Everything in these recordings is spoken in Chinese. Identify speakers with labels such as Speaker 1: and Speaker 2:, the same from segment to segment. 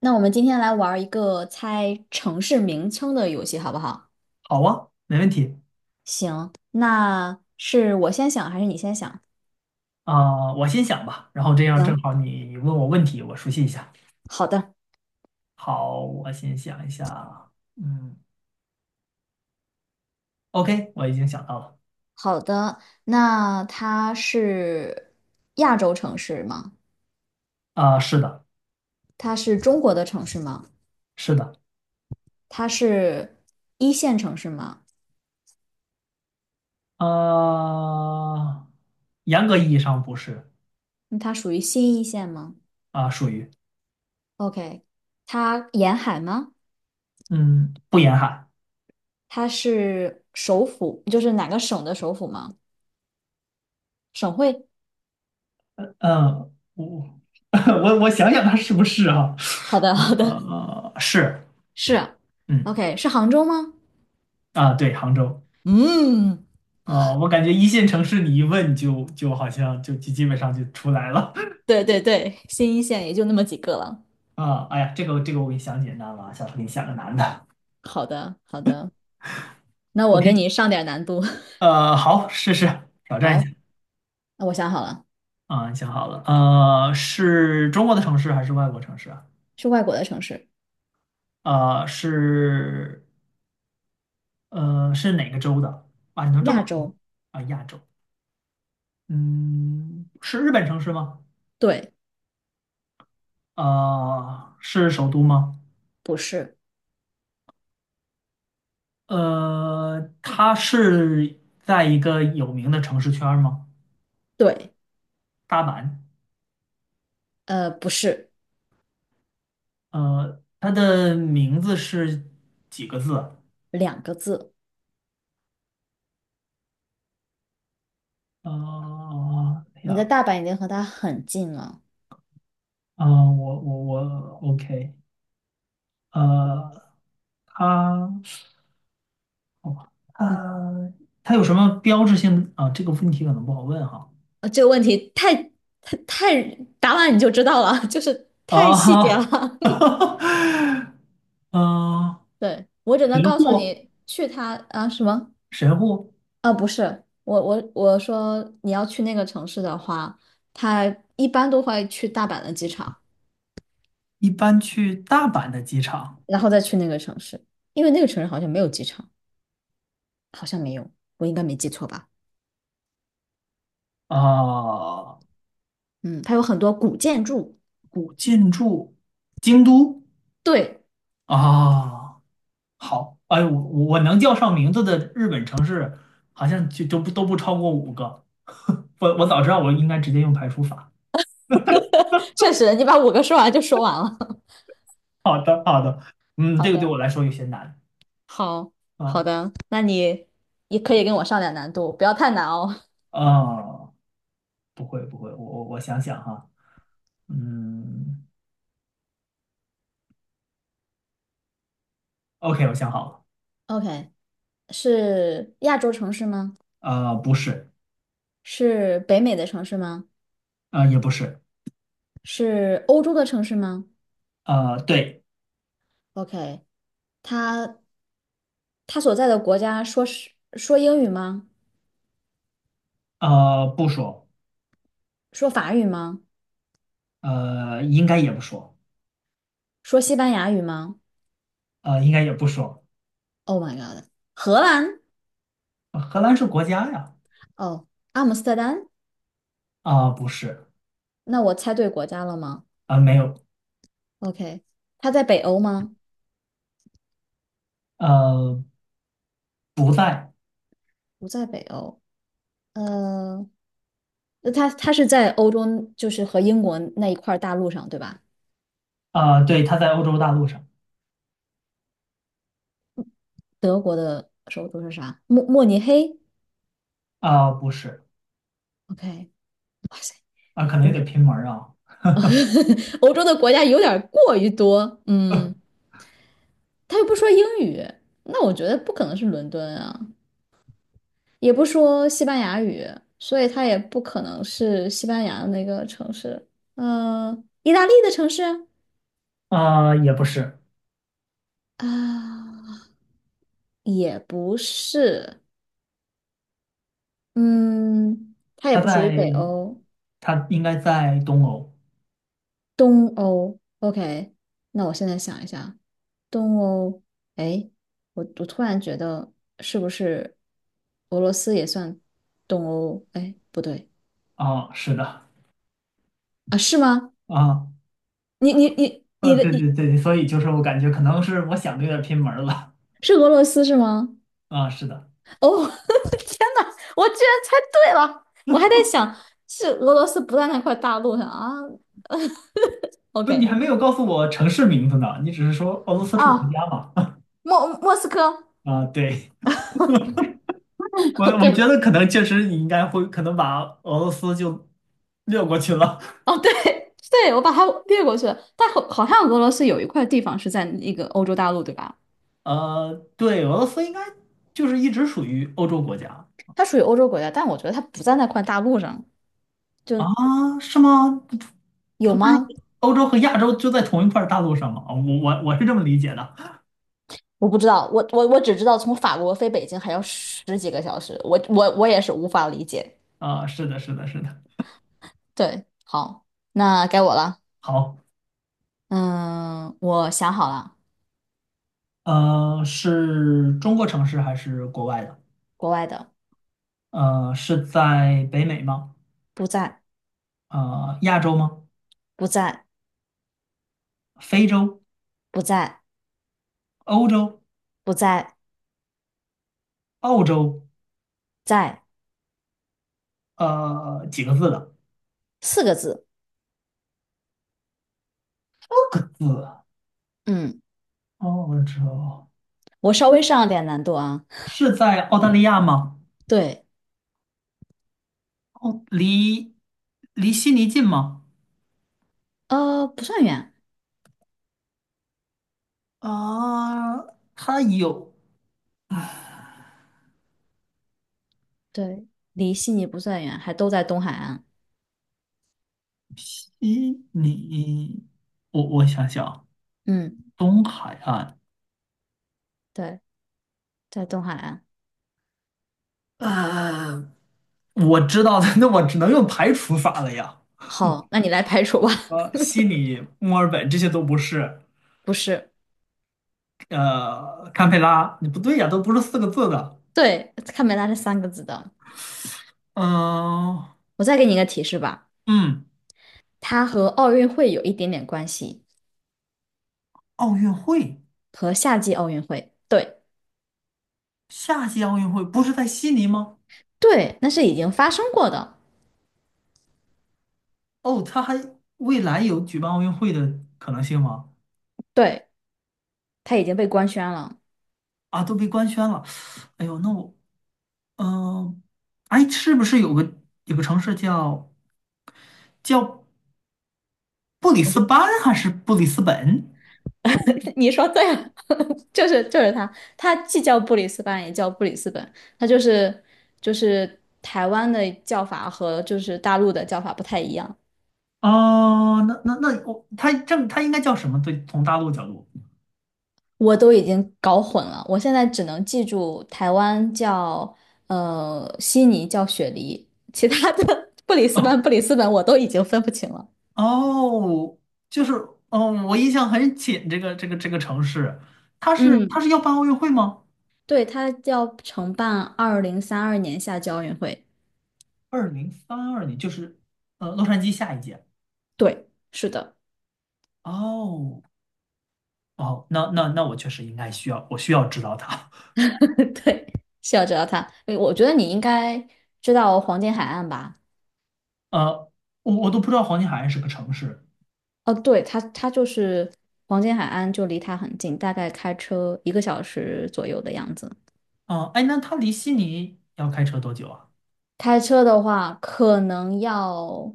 Speaker 1: 那我们今天来玩一个猜城市名称的游戏，好不好？
Speaker 2: 好啊，没问题。
Speaker 1: 行，那是我先想还是你先想？
Speaker 2: 啊，我先想吧，然后这样正
Speaker 1: 行，
Speaker 2: 好你问我问题，我熟悉一下。
Speaker 1: 好的，
Speaker 2: 好，我先想一下。嗯，OK，我已经想到了。
Speaker 1: 好的。那它是亚洲城市吗？
Speaker 2: 啊，是的，
Speaker 1: 它是中国的城市吗？
Speaker 2: 是的。
Speaker 1: 它是一线城市吗？
Speaker 2: 啊，严格意义上不是。
Speaker 1: 嗯它属于新一线吗
Speaker 2: 啊，属于。
Speaker 1: ？OK，它沿海吗？
Speaker 2: 嗯，不严海。
Speaker 1: 它是首府，就是哪个省的首府吗？省会？
Speaker 2: 嗯，我 我想想它是不是哈、
Speaker 1: 好的，好的，
Speaker 2: 是。
Speaker 1: 是啊。
Speaker 2: 嗯。
Speaker 1: OK，是杭州吗？
Speaker 2: 啊，对，杭州。
Speaker 1: 嗯，
Speaker 2: 啊，我感觉一线城市你一问就好像就基本上就出来了。
Speaker 1: 对对对，新一线也就那么几个了。
Speaker 2: 啊，哎呀，这个我给你想简单了啊，下次给你想个难的。
Speaker 1: 好的，好的，那我
Speaker 2: OK。
Speaker 1: 给你上点难度。
Speaker 2: 好，试试挑战一
Speaker 1: 好，
Speaker 2: 下。
Speaker 1: 那我想好了，
Speaker 2: 啊，你想好了？是中国的城市还是外国城市啊？
Speaker 1: 是外国的城市，
Speaker 2: 呃，是是哪个州的啊？你能这么
Speaker 1: 亚洲，
Speaker 2: 啊？亚洲。嗯，是日本城市吗？
Speaker 1: 对，
Speaker 2: 啊，是首都吗？
Speaker 1: 不是，
Speaker 2: 它是在一个有名的城市圈儿吗？
Speaker 1: 对，
Speaker 2: 大阪。
Speaker 1: 不是，
Speaker 2: 它的名字是几个字啊？
Speaker 1: 两个字。
Speaker 2: 啊
Speaker 1: 你的
Speaker 2: 呀，
Speaker 1: 大阪已经和它很近了。
Speaker 2: 啊，我，OK，呃，他，好吧，
Speaker 1: 嗯，
Speaker 2: 他他有什么标志性的啊？这个问题可能不好问哈。
Speaker 1: 这个问题太太太答完你就知道了，就是太细节
Speaker 2: 啊，
Speaker 1: 了。
Speaker 2: 嗯，
Speaker 1: 对，我只
Speaker 2: 神
Speaker 1: 能告诉
Speaker 2: 户，
Speaker 1: 你去它啊什么？
Speaker 2: 神户。
Speaker 1: 啊，不是，我说你要去那个城市的话，他一般都会去大阪的机场，
Speaker 2: 一般去大阪的机场。
Speaker 1: 然后再去那个城市，因为那个城市好像没有机场，好像没有，我应该没记错吧？
Speaker 2: 啊，
Speaker 1: 嗯，它有很多古建筑。
Speaker 2: 古建筑，京都。
Speaker 1: 对，
Speaker 2: 啊。好，哎，我我能叫上名字的日本城市，好像就都不超过5个。我我早知道我应该直接用排除法。
Speaker 1: 确实，你把五个说完就说完了。
Speaker 2: 好的，好的。嗯，
Speaker 1: 好
Speaker 2: 这个对
Speaker 1: 的，
Speaker 2: 我来说有些难
Speaker 1: 好好
Speaker 2: 啊。
Speaker 1: 的，那你也可以跟我上点难度，不要太难哦。
Speaker 2: 啊，不会不会，我想想哈。嗯，OK，我想好了。
Speaker 1: OK，是亚洲城市吗？
Speaker 2: 不是。
Speaker 1: 是北美的城市吗？
Speaker 2: 也不是。
Speaker 1: 是欧洲的城市吗
Speaker 2: 对。
Speaker 1: ？OK，他他所在的国家说英语吗？
Speaker 2: 不说。
Speaker 1: 说法语吗？
Speaker 2: 应该也不说。
Speaker 1: 说西班牙语吗
Speaker 2: 应该也不说。
Speaker 1: ？Oh my god！荷兰？
Speaker 2: 荷兰是国家呀。
Speaker 1: 哦，阿姆斯特丹？
Speaker 2: 啊，不是。
Speaker 1: 那我猜对国家了吗
Speaker 2: 啊，没有。
Speaker 1: ？OK，他在北欧吗？
Speaker 2: 呃，不在。
Speaker 1: 不在北欧。呃，那他是在欧洲，就是和英国那一块儿大陆上，对吧？
Speaker 2: 啊，对，他在欧洲大陆上。
Speaker 1: 德国的首都是啥？慕尼黑
Speaker 2: 啊、不是。
Speaker 1: ？OK，哇塞，
Speaker 2: 啊、可能
Speaker 1: 欧
Speaker 2: 有点
Speaker 1: 洲
Speaker 2: 偏门儿啊。
Speaker 1: 欧洲的国家有点儿过于多。嗯，他又不说英语，那我觉得不可能是伦敦啊，也不说西班牙语，所以他也不可能是西班牙的那个城市。嗯、意大利的城市啊，
Speaker 2: 啊、也不是。
Speaker 1: 啊也不是。嗯，它也
Speaker 2: 他
Speaker 1: 不属于
Speaker 2: 在
Speaker 1: 北欧，
Speaker 2: 他应该在东欧。
Speaker 1: 东欧。OK，那我现在想一下，东欧。哎，我突然觉得是不是俄罗斯也算东欧？哎，不对
Speaker 2: 啊、是的。
Speaker 1: 啊，是吗？
Speaker 2: 啊、
Speaker 1: 你你你你的
Speaker 2: 对
Speaker 1: 你
Speaker 2: 对对，所以就是我感觉可能是我想的有点偏门儿了。
Speaker 1: 是俄罗斯是吗？
Speaker 2: 啊、是的。
Speaker 1: 哦，天呐，我居然猜对了！我还在想是俄罗斯不在那块大陆上啊。
Speaker 2: 不，你
Speaker 1: OK
Speaker 2: 还没有告诉我城市名字呢，你只是说俄罗斯是国
Speaker 1: 啊，
Speaker 2: 家嘛。
Speaker 1: 莫斯科。
Speaker 2: 啊、对。我
Speaker 1: 哦
Speaker 2: 我觉
Speaker 1: 对，
Speaker 2: 得可能确实你应该会可能把俄罗斯就略过去了。
Speaker 1: 哦对 对，我把它略过去了。但好像俄罗斯有一块地方是在那个欧洲大陆，对吧？
Speaker 2: 对，俄罗斯应该就是一直属于欧洲国家。
Speaker 1: 它属于欧洲国家，但我觉得它不在那块大陆上，就
Speaker 2: 啊，是吗？
Speaker 1: 有
Speaker 2: 它不是
Speaker 1: 吗？
Speaker 2: 欧洲和亚洲就在同一块大陆上吗？啊，我是这么理解的。
Speaker 1: 我不知道，我只知道从法国飞北京还要10几个小时，我也是无法理解。
Speaker 2: 啊，是的，是的，是的。
Speaker 1: 对，好，那该我了。
Speaker 2: 好。
Speaker 1: 嗯，我想好了，
Speaker 2: 是中国城市还是国外的？
Speaker 1: 国外的，
Speaker 2: 是在北美吗？
Speaker 1: 不在，
Speaker 2: 亚洲吗？
Speaker 1: 不在，
Speaker 2: 非洲、
Speaker 1: 不在，
Speaker 2: 欧洲、
Speaker 1: 不在，
Speaker 2: 澳洲？
Speaker 1: 在
Speaker 2: 几个字的？
Speaker 1: 四个字。
Speaker 2: 6个字啊。
Speaker 1: 嗯，
Speaker 2: 澳洲。
Speaker 1: 我稍微上了点难度啊。
Speaker 2: 是在澳大利亚吗？
Speaker 1: 对，
Speaker 2: 哦，离离悉尼近吗？
Speaker 1: 不算远，
Speaker 2: 啊，它有。
Speaker 1: 对，离悉尼不算远，还都在东海岸。
Speaker 2: 一，你，我我想想。
Speaker 1: 嗯，
Speaker 2: 东海岸。
Speaker 1: 对，在东海岸。
Speaker 2: 呃，我知道的。那我只能用排除法了呀。
Speaker 1: 好，那你来排除吧。
Speaker 2: 悉尼、墨尔本这些都不是。
Speaker 1: 不是，
Speaker 2: 堪培拉，你不对呀，都不是4个字的。
Speaker 1: 对，看没拉是三个字的。
Speaker 2: 嗯、
Speaker 1: 我再给你一个提示吧，
Speaker 2: 嗯，
Speaker 1: 它和奥运会有一点点关系，
Speaker 2: 奥运会。
Speaker 1: 和夏季奥运会。对。
Speaker 2: 夏季奥运会不是在悉尼吗？
Speaker 1: 对，那是已经发生过的，
Speaker 2: 哦，他还未来有举办奥运会的可能性吗？
Speaker 1: 对，他已经被官宣了。
Speaker 2: 啊，都被官宣了。哎呦，那我，嗯、哎，是不是有个城市叫叫？布里斯班还是布里斯本？
Speaker 1: 你说对了，就是他，他既叫布里斯班也叫布里斯本，他就是台湾的叫法和就是大陆的叫法不太一样，
Speaker 2: 哦，那我它这它应该叫什么？对，从大陆角度。
Speaker 1: 我都已经搞混了，我现在只能记住台湾叫悉尼叫雪梨，其他的 布里斯班布里斯本我都已经分不清了。
Speaker 2: 哦，就是，哦，我印象很浅，这个这个城市，它
Speaker 1: 嗯，
Speaker 2: 是要办奥运会吗？
Speaker 1: 对，他要承办2032年夏季奥运会。
Speaker 2: 2032年，就是洛杉矶下一届。
Speaker 1: 对，是的，
Speaker 2: 哦哦，那我确实应该需要，我需要知道它。
Speaker 1: 对，是要知道它。诶我觉得你应该知道黄金海岸吧？
Speaker 2: 呃，我我都不知道黄金海岸是个城市。
Speaker 1: 哦，对，它就是黄金海岸，就离它很近，大概开车1个小时左右的样子。
Speaker 2: 啊，哎，那它离悉尼要开车多久啊？
Speaker 1: 开车的话，可能要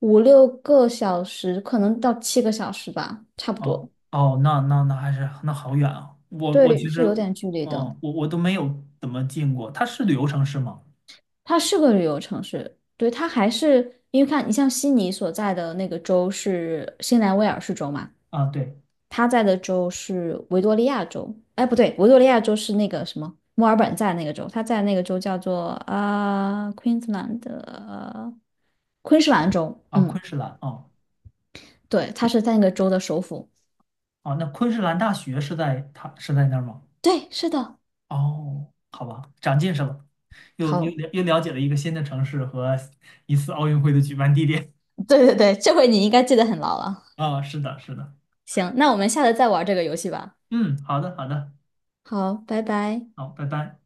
Speaker 1: 5、6个小时，可能到7个小时吧，差不
Speaker 2: 哦
Speaker 1: 多。
Speaker 2: 哦，那还是那好远啊！我我
Speaker 1: 对，
Speaker 2: 其实，
Speaker 1: 是有点距离的。
Speaker 2: 哦，我我都没有怎么进过。它是旅游城市吗？
Speaker 1: 它是个旅游城市，对，它还是因为看你像悉尼所在的那个州是新南威尔士州嘛。
Speaker 2: 啊，对。
Speaker 1: 他在的州是维多利亚州，哎，不对，维多利亚州是那个什么，墨尔本在那个州，他在那个州叫做Queensland 的昆士兰州，
Speaker 2: 啊，
Speaker 1: 嗯，
Speaker 2: 昆士兰啊。
Speaker 1: 对，他是在那个州的首府。
Speaker 2: 啊，那昆士兰大学是在它是在那儿吗？
Speaker 1: 对，是的，
Speaker 2: 哦，好吧，长见识了，又
Speaker 1: 好，
Speaker 2: 了解了一个新的城市和一次奥运会的举办地点。
Speaker 1: 对对对，这回你应该记得很牢了。
Speaker 2: 啊，是的，是的。
Speaker 1: 行，那我们下次再玩这个游戏吧。
Speaker 2: 嗯，好的，好的。
Speaker 1: 好，拜拜。
Speaker 2: 好，拜拜。